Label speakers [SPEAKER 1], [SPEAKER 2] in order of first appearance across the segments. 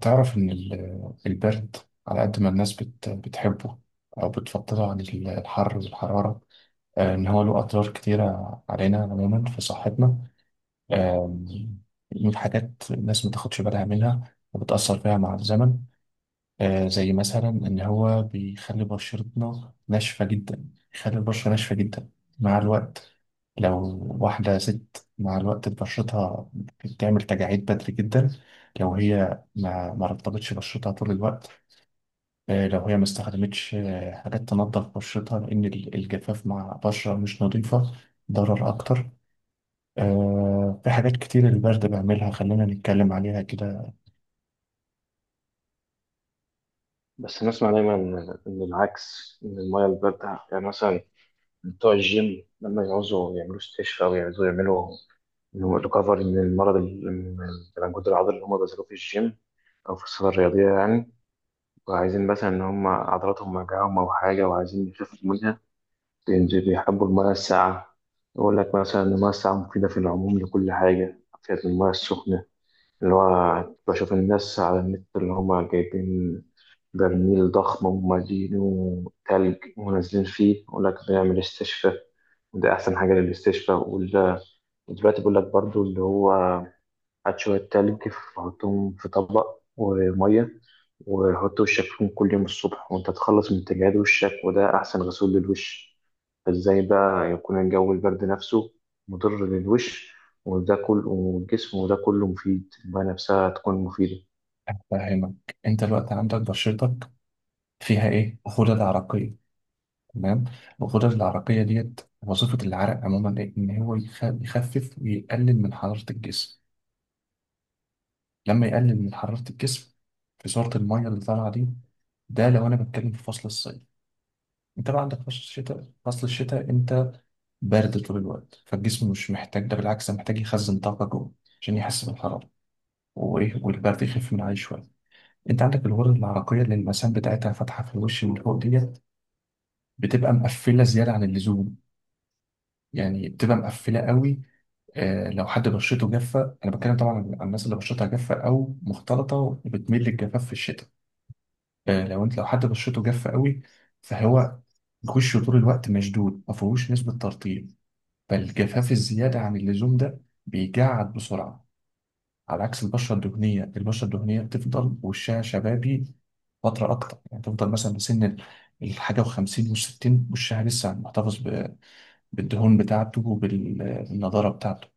[SPEAKER 1] تعرف إن البرد على قد ما الناس بتحبه أو بتفضله عن الحر والحرارة، إن هو له أضرار كتيرة علينا عموما في صحتنا. آم، من حاجات الناس ما تاخدش بالها منها وبتأثر فيها مع الزمن، زي مثلا إن هو بيخلي بشرتنا ناشفة جدا. بيخلي البشرة ناشفة جدا مع الوقت. لو واحدة ست مع الوقت بشرتها بتعمل تجاعيد بدري جدا لو هي ما رطبتش بشرتها طول الوقت، لو هي ما استخدمتش حاجات تنظف بشرتها، لأن الجفاف مع بشرة مش نظيفة ضرر أكتر. في حاجات كتير البرد بيعملها، خلينا نتكلم عليها كده.
[SPEAKER 2] بس نسمع دايما إن العكس، إن المية الباردة، يعني مثلا بتوع الجيم لما يعوزوا يعملوا استشفاء أو يعوزوا يعملوا ريكفري من المرض، من الانجود العضلي اللي هم بذلوه في الجيم أو في الصالة الرياضية يعني، وعايزين مثلا إن هم عضلاتهم وجعهم أو حاجة وعايزين يخفوا منها. بيحبوا المية الساقعة. يقول لك مثلا إن المية الساقعة مفيدة في العموم لكل حاجة فيها المية السخنة. اللي هو بشوف الناس على النت اللي هما جايبين برميل ضخم ومالينه تلج ونازلين فيه، يقول لك بنعمل استشفاء وده أحسن حاجة للاستشفاء ودلوقتي بيقول لك برضو اللي هو هات شوية تلج، حطهم في طبق ومية، وحط وشك فيهم كل يوم الصبح وانت تخلص من تجاعيد وشك وده أحسن غسول للوش. فازاي بقى يكون الجو البرد نفسه مضر للوش وده كله والجسم، وده كله مفيد المية نفسها تكون مفيدة؟
[SPEAKER 1] أفهمك. أنت الوقت عندك بشرتك فيها ايه؟ غدد عرقيه، تمام. الغدد العرقيه ديت وظيفه العرق عموما ايه؟ ان هو يخفف ويقلل من حراره الجسم. لما يقلل من حراره الجسم خساره الميه اللي طالعه دي، ده لو انا بتكلم في فصل الصيف. انت بقى عندك فصل الشتاء، فصل الشتاء انت بارد طول الوقت، فالجسم مش محتاج ده، بالعكس ده محتاج يخزن طاقه جوه عشان يحس بالحراره وايه، والبرد يخف من عليه شويه. انت عندك الغدد العرقيه اللي المسام بتاعتها فاتحه في الوش من فوق ديت بتبقى مقفله زياده عن اللزوم، يعني بتبقى مقفله قوي. لو حد بشرته جافه، انا بتكلم طبعا عن الناس اللي بشرتها جافه او مختلطه وبتميل للجفاف في الشتاء. لو انت لو حد بشرته جافه قوي، فهو وشه طول الوقت مشدود ما فيهوش نسبه ترطيب، فالجفاف الزياده عن اللزوم ده بيجعد بسرعه. على عكس البشره الدهنيه، البشره الدهنيه بتفضل وشها شبابي فتره اكتر، يعني تفضل مثلا بسن الحاجه و50 و60 وشها لسه محتفظ بالدهون بتاعته وبالنضاره بتاعته.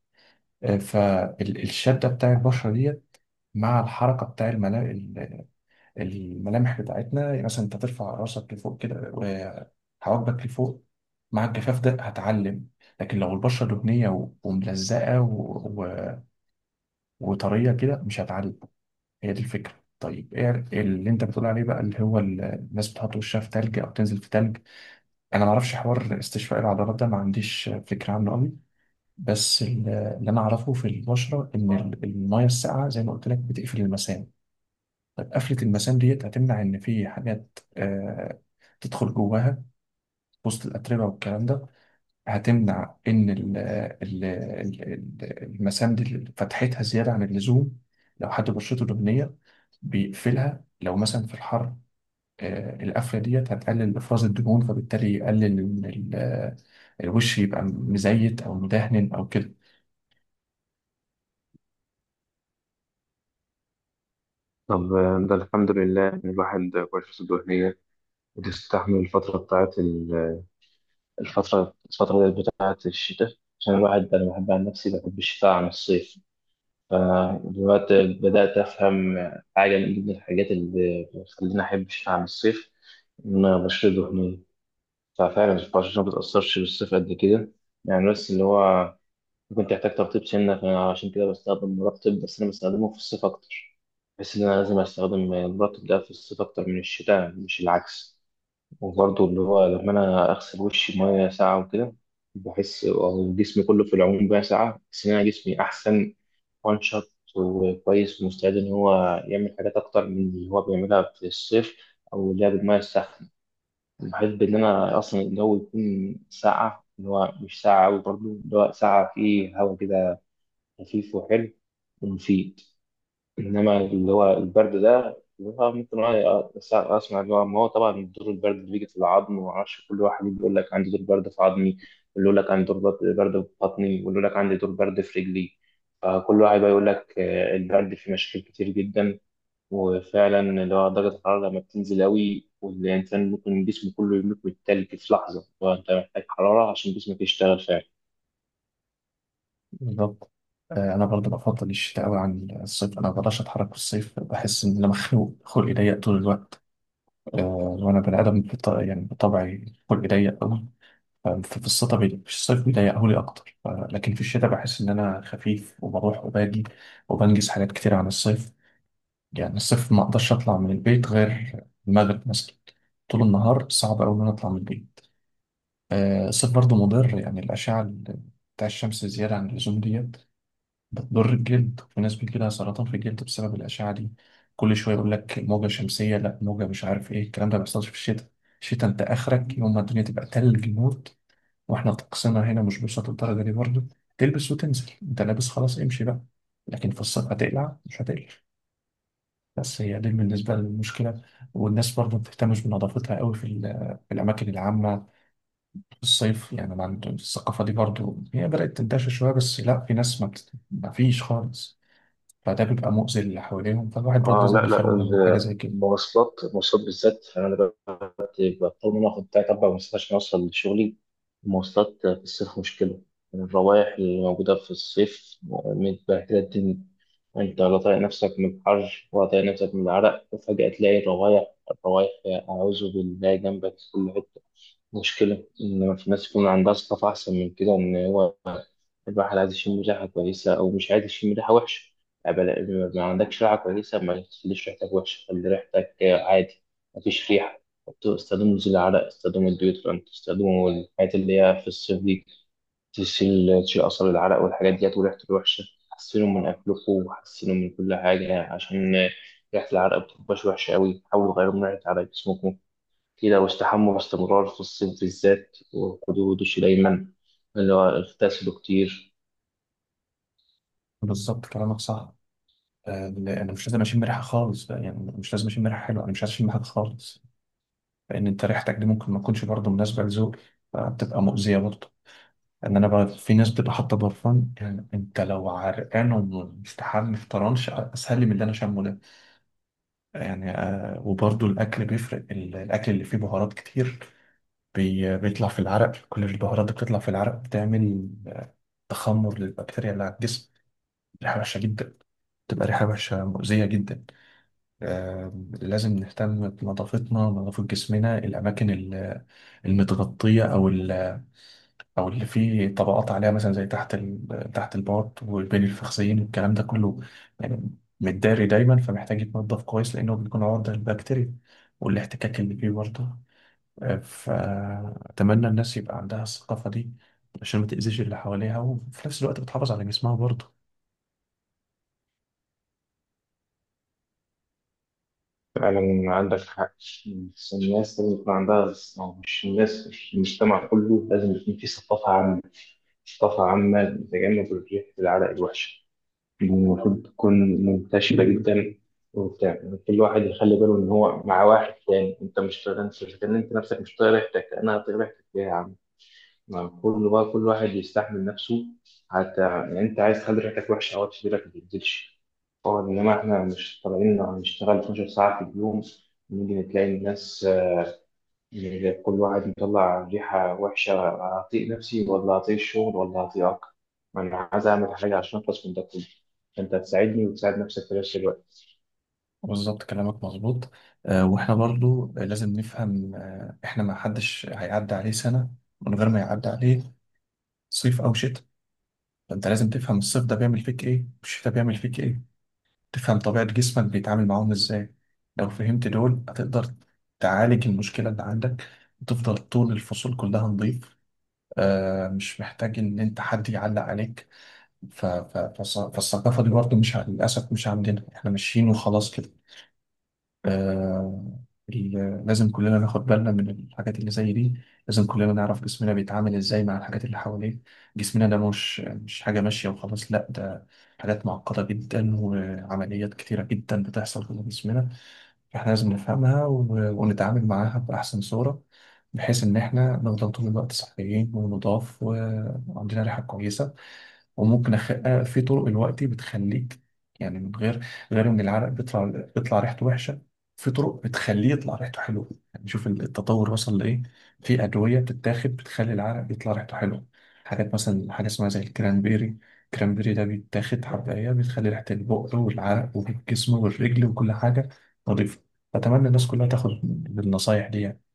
[SPEAKER 1] فالشده بتاع البشره ديت مع الحركه بتاع الملامح بتاعتنا، يعني مثلا انت ترفع راسك لفوق كده وحواجبك لفوق، مع الجفاف ده هتعلم. لكن لو البشره دهنيه و- وملزقه و- و- وطريه كده مش هتعلم. هي دي الفكره. طيب ايه اللي انت بتقول عليه بقى اللي هو الناس بتحط وشها في تلج او تنزل في تلج؟ انا ما اعرفش حوار استشفاء العضلات ده، ما عنديش فكره عنه قوي. بس اللي انا اعرفه في البشره ان الميه الساقعه زي ما قلت لك بتقفل المسام. طب قفله المسام ديت هتمنع ان في حاجات تدخل جواها وسط الاتربه والكلام ده، هتمنع ان المسام دي فتحتها زياده عن اللزوم. لو حد بشرته دهنيه بيقفلها لو مثلا في الحر، القفله ديت هتقلل افراز الدهون، فبالتالي يقلل إن الوش يبقى مزيت او مدهن او كده.
[SPEAKER 2] طب ده الحمد لله إن الواحد غرفته الدهنية بتستحمل الفترة بتاعت الفترة بتاعت الشتاء. عشان الواحد أنا بحب عن نفسي بحب الشتاء عن الصيف. فدلوقتي بدأت أفهم حاجة من ضمن الحاجات اللي بتخليني أحب الشتاء عن الصيف، إن بشرة دهنية ففعلا البشرة ما بتأثرش بالصيف قد كده، يعني. بس اللي هو ممكن تحتاج ترطيب سنة، فعشان كده بستخدم مرطب بس أنا بستخدمه في الصيف أكتر. بحس إن أنا لازم أستخدم المرطب ده في الصيف أكتر من الشتاء، مش العكس. وبرضه اللي هو لما أنا أغسل وشي مية ساقعة وكده، بحس أو جسمي كله في العموم بقى ساقعة، بحس إن أنا جسمي أحسن وان شوت وكويس ومستعد ان هو يعمل حاجات اكتر من اللي هو بيعملها في الصيف. او اللعب بالميه الساخنه، بحب ان انا اصلا الجو يكون ساقعه، اللي هو مش ساقعه قوي، برضه اللي هو ساقعه فيه هوا كده خفيف وحلو ومفيد. انما اللي هو البرد ده اللي هو ممكن أنا اسمع، اللي هو ما هو طبعا دور البرد اللي بيجي في العظم وما اعرفش، كل واحد بيقول لك عندي دور برد في عظمي، واللي يقول لك عندي دور برد في بطني، واللي يقول لك عندي دور برد في رجلي. فكل واحد بقى يقول لك البرد فيه مشاكل كتير جدا. وفعلا اللي هو درجة الحرارة لما بتنزل قوي، والإنسان ممكن جسمه كله يموت من التلج في لحظة، وأنت محتاج حرارة عشان جسمك يشتغل فعلا.
[SPEAKER 1] بالظبط. انا برضو بفضل الشتاء قوي عن الصيف، انا ما بقدرش اتحرك في الصيف، بحس ان انا مخنوق خلقي ضيق طول الوقت. آه، وانا بني ادم يعني بطبعي خلقي ضيق قوي، ففي الصيف في الصيف بيضيقه لي اكتر لكن في الشتاء بحس ان انا خفيف وبروح وباجي وبنجز حاجات كتير عن الصيف. يعني الصيف ما اقدرش اطلع من البيت غير المغرب مثلا، طول النهار صعب قوي ان انا اطلع من البيت. الصيف برضو مضر، يعني الاشعه بتاع الشمس زياده عن اللزوم ديت بتضر الجلد، في ناس بيجي لها سرطان في الجلد بسبب الأشعة دي. كل شوية يقول لك موجة شمسية، لا موجة مش عارف إيه الكلام ده، ما بيحصلش في الشتاء. الشتاء أنت آخرك يوم ما الدنيا تبقى تلج موت، وإحنا طقسنا هنا مش بيوصل للدرجة دي برضه. تلبس وتنزل، أنت لابس خلاص امشي بقى. لكن في الصيف هتقلع مش هتقلع. بس هي دي بالنسبة للمشكلة. والناس برضه ما بتهتمش بنظافتها قوي في في الأماكن العامة في الصيف، يعني ما عندهم الثقافة دي برضه، هي بدأت تنتشر شوية بس لا، في ناس ما فيش خالص. فده بيبقى مؤذي للي حواليهم، فالواحد برضه
[SPEAKER 2] اه،
[SPEAKER 1] لازم
[SPEAKER 2] لا
[SPEAKER 1] يخلي
[SPEAKER 2] لا،
[SPEAKER 1] باله من حاجة زي كده.
[SPEAKER 2] المواصلات بالذات، انا بضطر ان انا اخد تلات اربع مواصلات عشان اوصل لشغلي. المواصلات في الصيف مشكله. الروائح اللي موجوده في الصيف متبهدله الدنيا. انت لا طايق نفسك من الحر ولا طايق نفسك من العرق، وفجاه تلاقي الروايح اعوذ بالله جنبك في كل حته. مشكله ان في ناس يكون عندها ثقافه احسن من كده، ان هو الواحد عايز يشم ريحة كويسة أو مش عايز يشم ريحة وحشة. يعني ما عندكش ريحة كويسة ما تخليش ريحتك وحشة، خلي ريحتك عادي، مفيش ريحة. استخدموا زي العرق، استخدموا الديوترنت، استخدموا الحاجات اللي هي في الصيف دي تشيل أثر العرق والحاجات ديت وريحته الوحشة. حسنوا من أكلكم وحسنوا من كل حاجة عشان ريحة العرق بتبقاش وحشة أوي، حاولوا تغيروا من ريحة عرق جسمكم كده، واستحموا باستمرار في الصيف بالذات، وخدوا دش دايما، اللي هو اغتسلوا كتير.
[SPEAKER 1] بالظبط كلامك صح. أنا مش لازم أشم ريحة خالص بقى، يعني مش لازم أشم ريحة حلوة، أنا مش عايز أشم حاجة خالص. لأن أنت ريحتك دي ممكن ما تكونش برضه مناسبة لذوقي، فبتبقى مؤذية برضه. إن أنا بقى في ناس بتبقى حاطة برفان، يعني أنت لو عرقان ومستحمل في طرنش أسهل لي من اللي أنا شامه ده. يعني آه، وبرضه الأكل بيفرق، الأكل اللي فيه بهارات كتير بيطلع في العرق، كل البهارات دي بتطلع في العرق بتعمل تخمر للبكتيريا اللي على الجسم، ريحة وحشة جدا، بتبقى ريحة وحشة مؤذية جدا. لازم نهتم بنظافتنا، نظافة جسمنا، الأماكن المتغطية أو أو اللي فيه طبقات عليها، مثلا زي تحت البارت والبين الفخذين والكلام ده كله، يعني متداري دايما، فمحتاج يتنضف كويس لأنه بيكون عرضة للبكتيريا والاحتكاك اللي فيه برضه. فأتمنى الناس يبقى عندها الثقافة دي عشان ما تأذيش اللي حواليها، وفي نفس الوقت بتحافظ على جسمها برضه.
[SPEAKER 2] فعلا عندك حق، بس الناس لازم يكون عندها، يعني مش الناس مش المجتمع كله، لازم يكون فيه ثقافة عامة، ثقافة عامة لتجنب الريح العرق الوحشة دي. المفروض تكون منتشرة جدا وبتاع، يعني كل واحد يخلي باله إن هو مع واحد تاني، أنت مش طايق، أنت مش كان أنت نفسك مش طايق ريحتك أنا طايق ريحتك ليه يا عم؟ ما كل بقى كل واحد يستحمل نفسه. حتى يعني انت عايز تخلي ريحتك وحشه او تشترك، ما تنزلش طبعا. انما احنا مش طالعين هنشتغل 12 ساعه في اليوم نيجي نتلاقي الناس، يعني كل واحد مطلع ريحه وحشه هطيق نفسي ولا هطيق الشغل ولا هطيقك. انا عايز اعمل حاجه عشان اخلص من ده كله، انت هتساعدني وتساعد نفسك في نفس الوقت.
[SPEAKER 1] بالظبط كلامك مظبوط. واحنا برضه لازم نفهم، احنا ما حدش هيعدي عليه سنة من غير ما يعدي عليه صيف أو شتاء. فأنت لازم تفهم الصيف ده بيعمل فيك إيه والشتاء بيعمل فيك إيه، تفهم طبيعة جسمك بيتعامل معاهم إزاي. لو فهمت دول هتقدر تعالج المشكلة اللي عندك وتفضل طول الفصول كلها نظيف. مش محتاج إن أنت حد يعلق عليك. فالثقافة دي برضه مش ع- للأسف مش عندنا، إحنا ماشيين وخلاص كده. آه... لازم كلنا ناخد بالنا من الحاجات اللي زي دي، لازم كلنا نعرف جسمنا بيتعامل إزاي مع الحاجات اللي حواليه. جسمنا ده مش حاجة ماشية وخلاص، لأ ده حاجات معقدة جدا وعمليات كتيرة جدا بتحصل في جسمنا. فإحنا لازم نفهمها ونتعامل معاها بأحسن صورة، بحيث إن إحنا نفضل طول الوقت صحيين ونضاف وعندنا ريحة كويسة. وممكن أخ... آه، في طرق الوقت بتخليك، يعني من غير غير ان العرق بيطلع ريحته وحشه، في طرق بتخليه يطلع ريحته حلوه، يعني شوف التطور وصل لايه. في ادويه بتتاخد بتخلي العرق يطلع ريحته حلوه، حاجات مثلا حاجه اسمها زي الكرانبيري. الكرانبيري ده بيتاخد حبايه بتخلي ريحه البق والعرق والجسم والرجل وكل حاجه نظيفه. اتمنى الناس كلها تاخد بالنصايح دي يعني.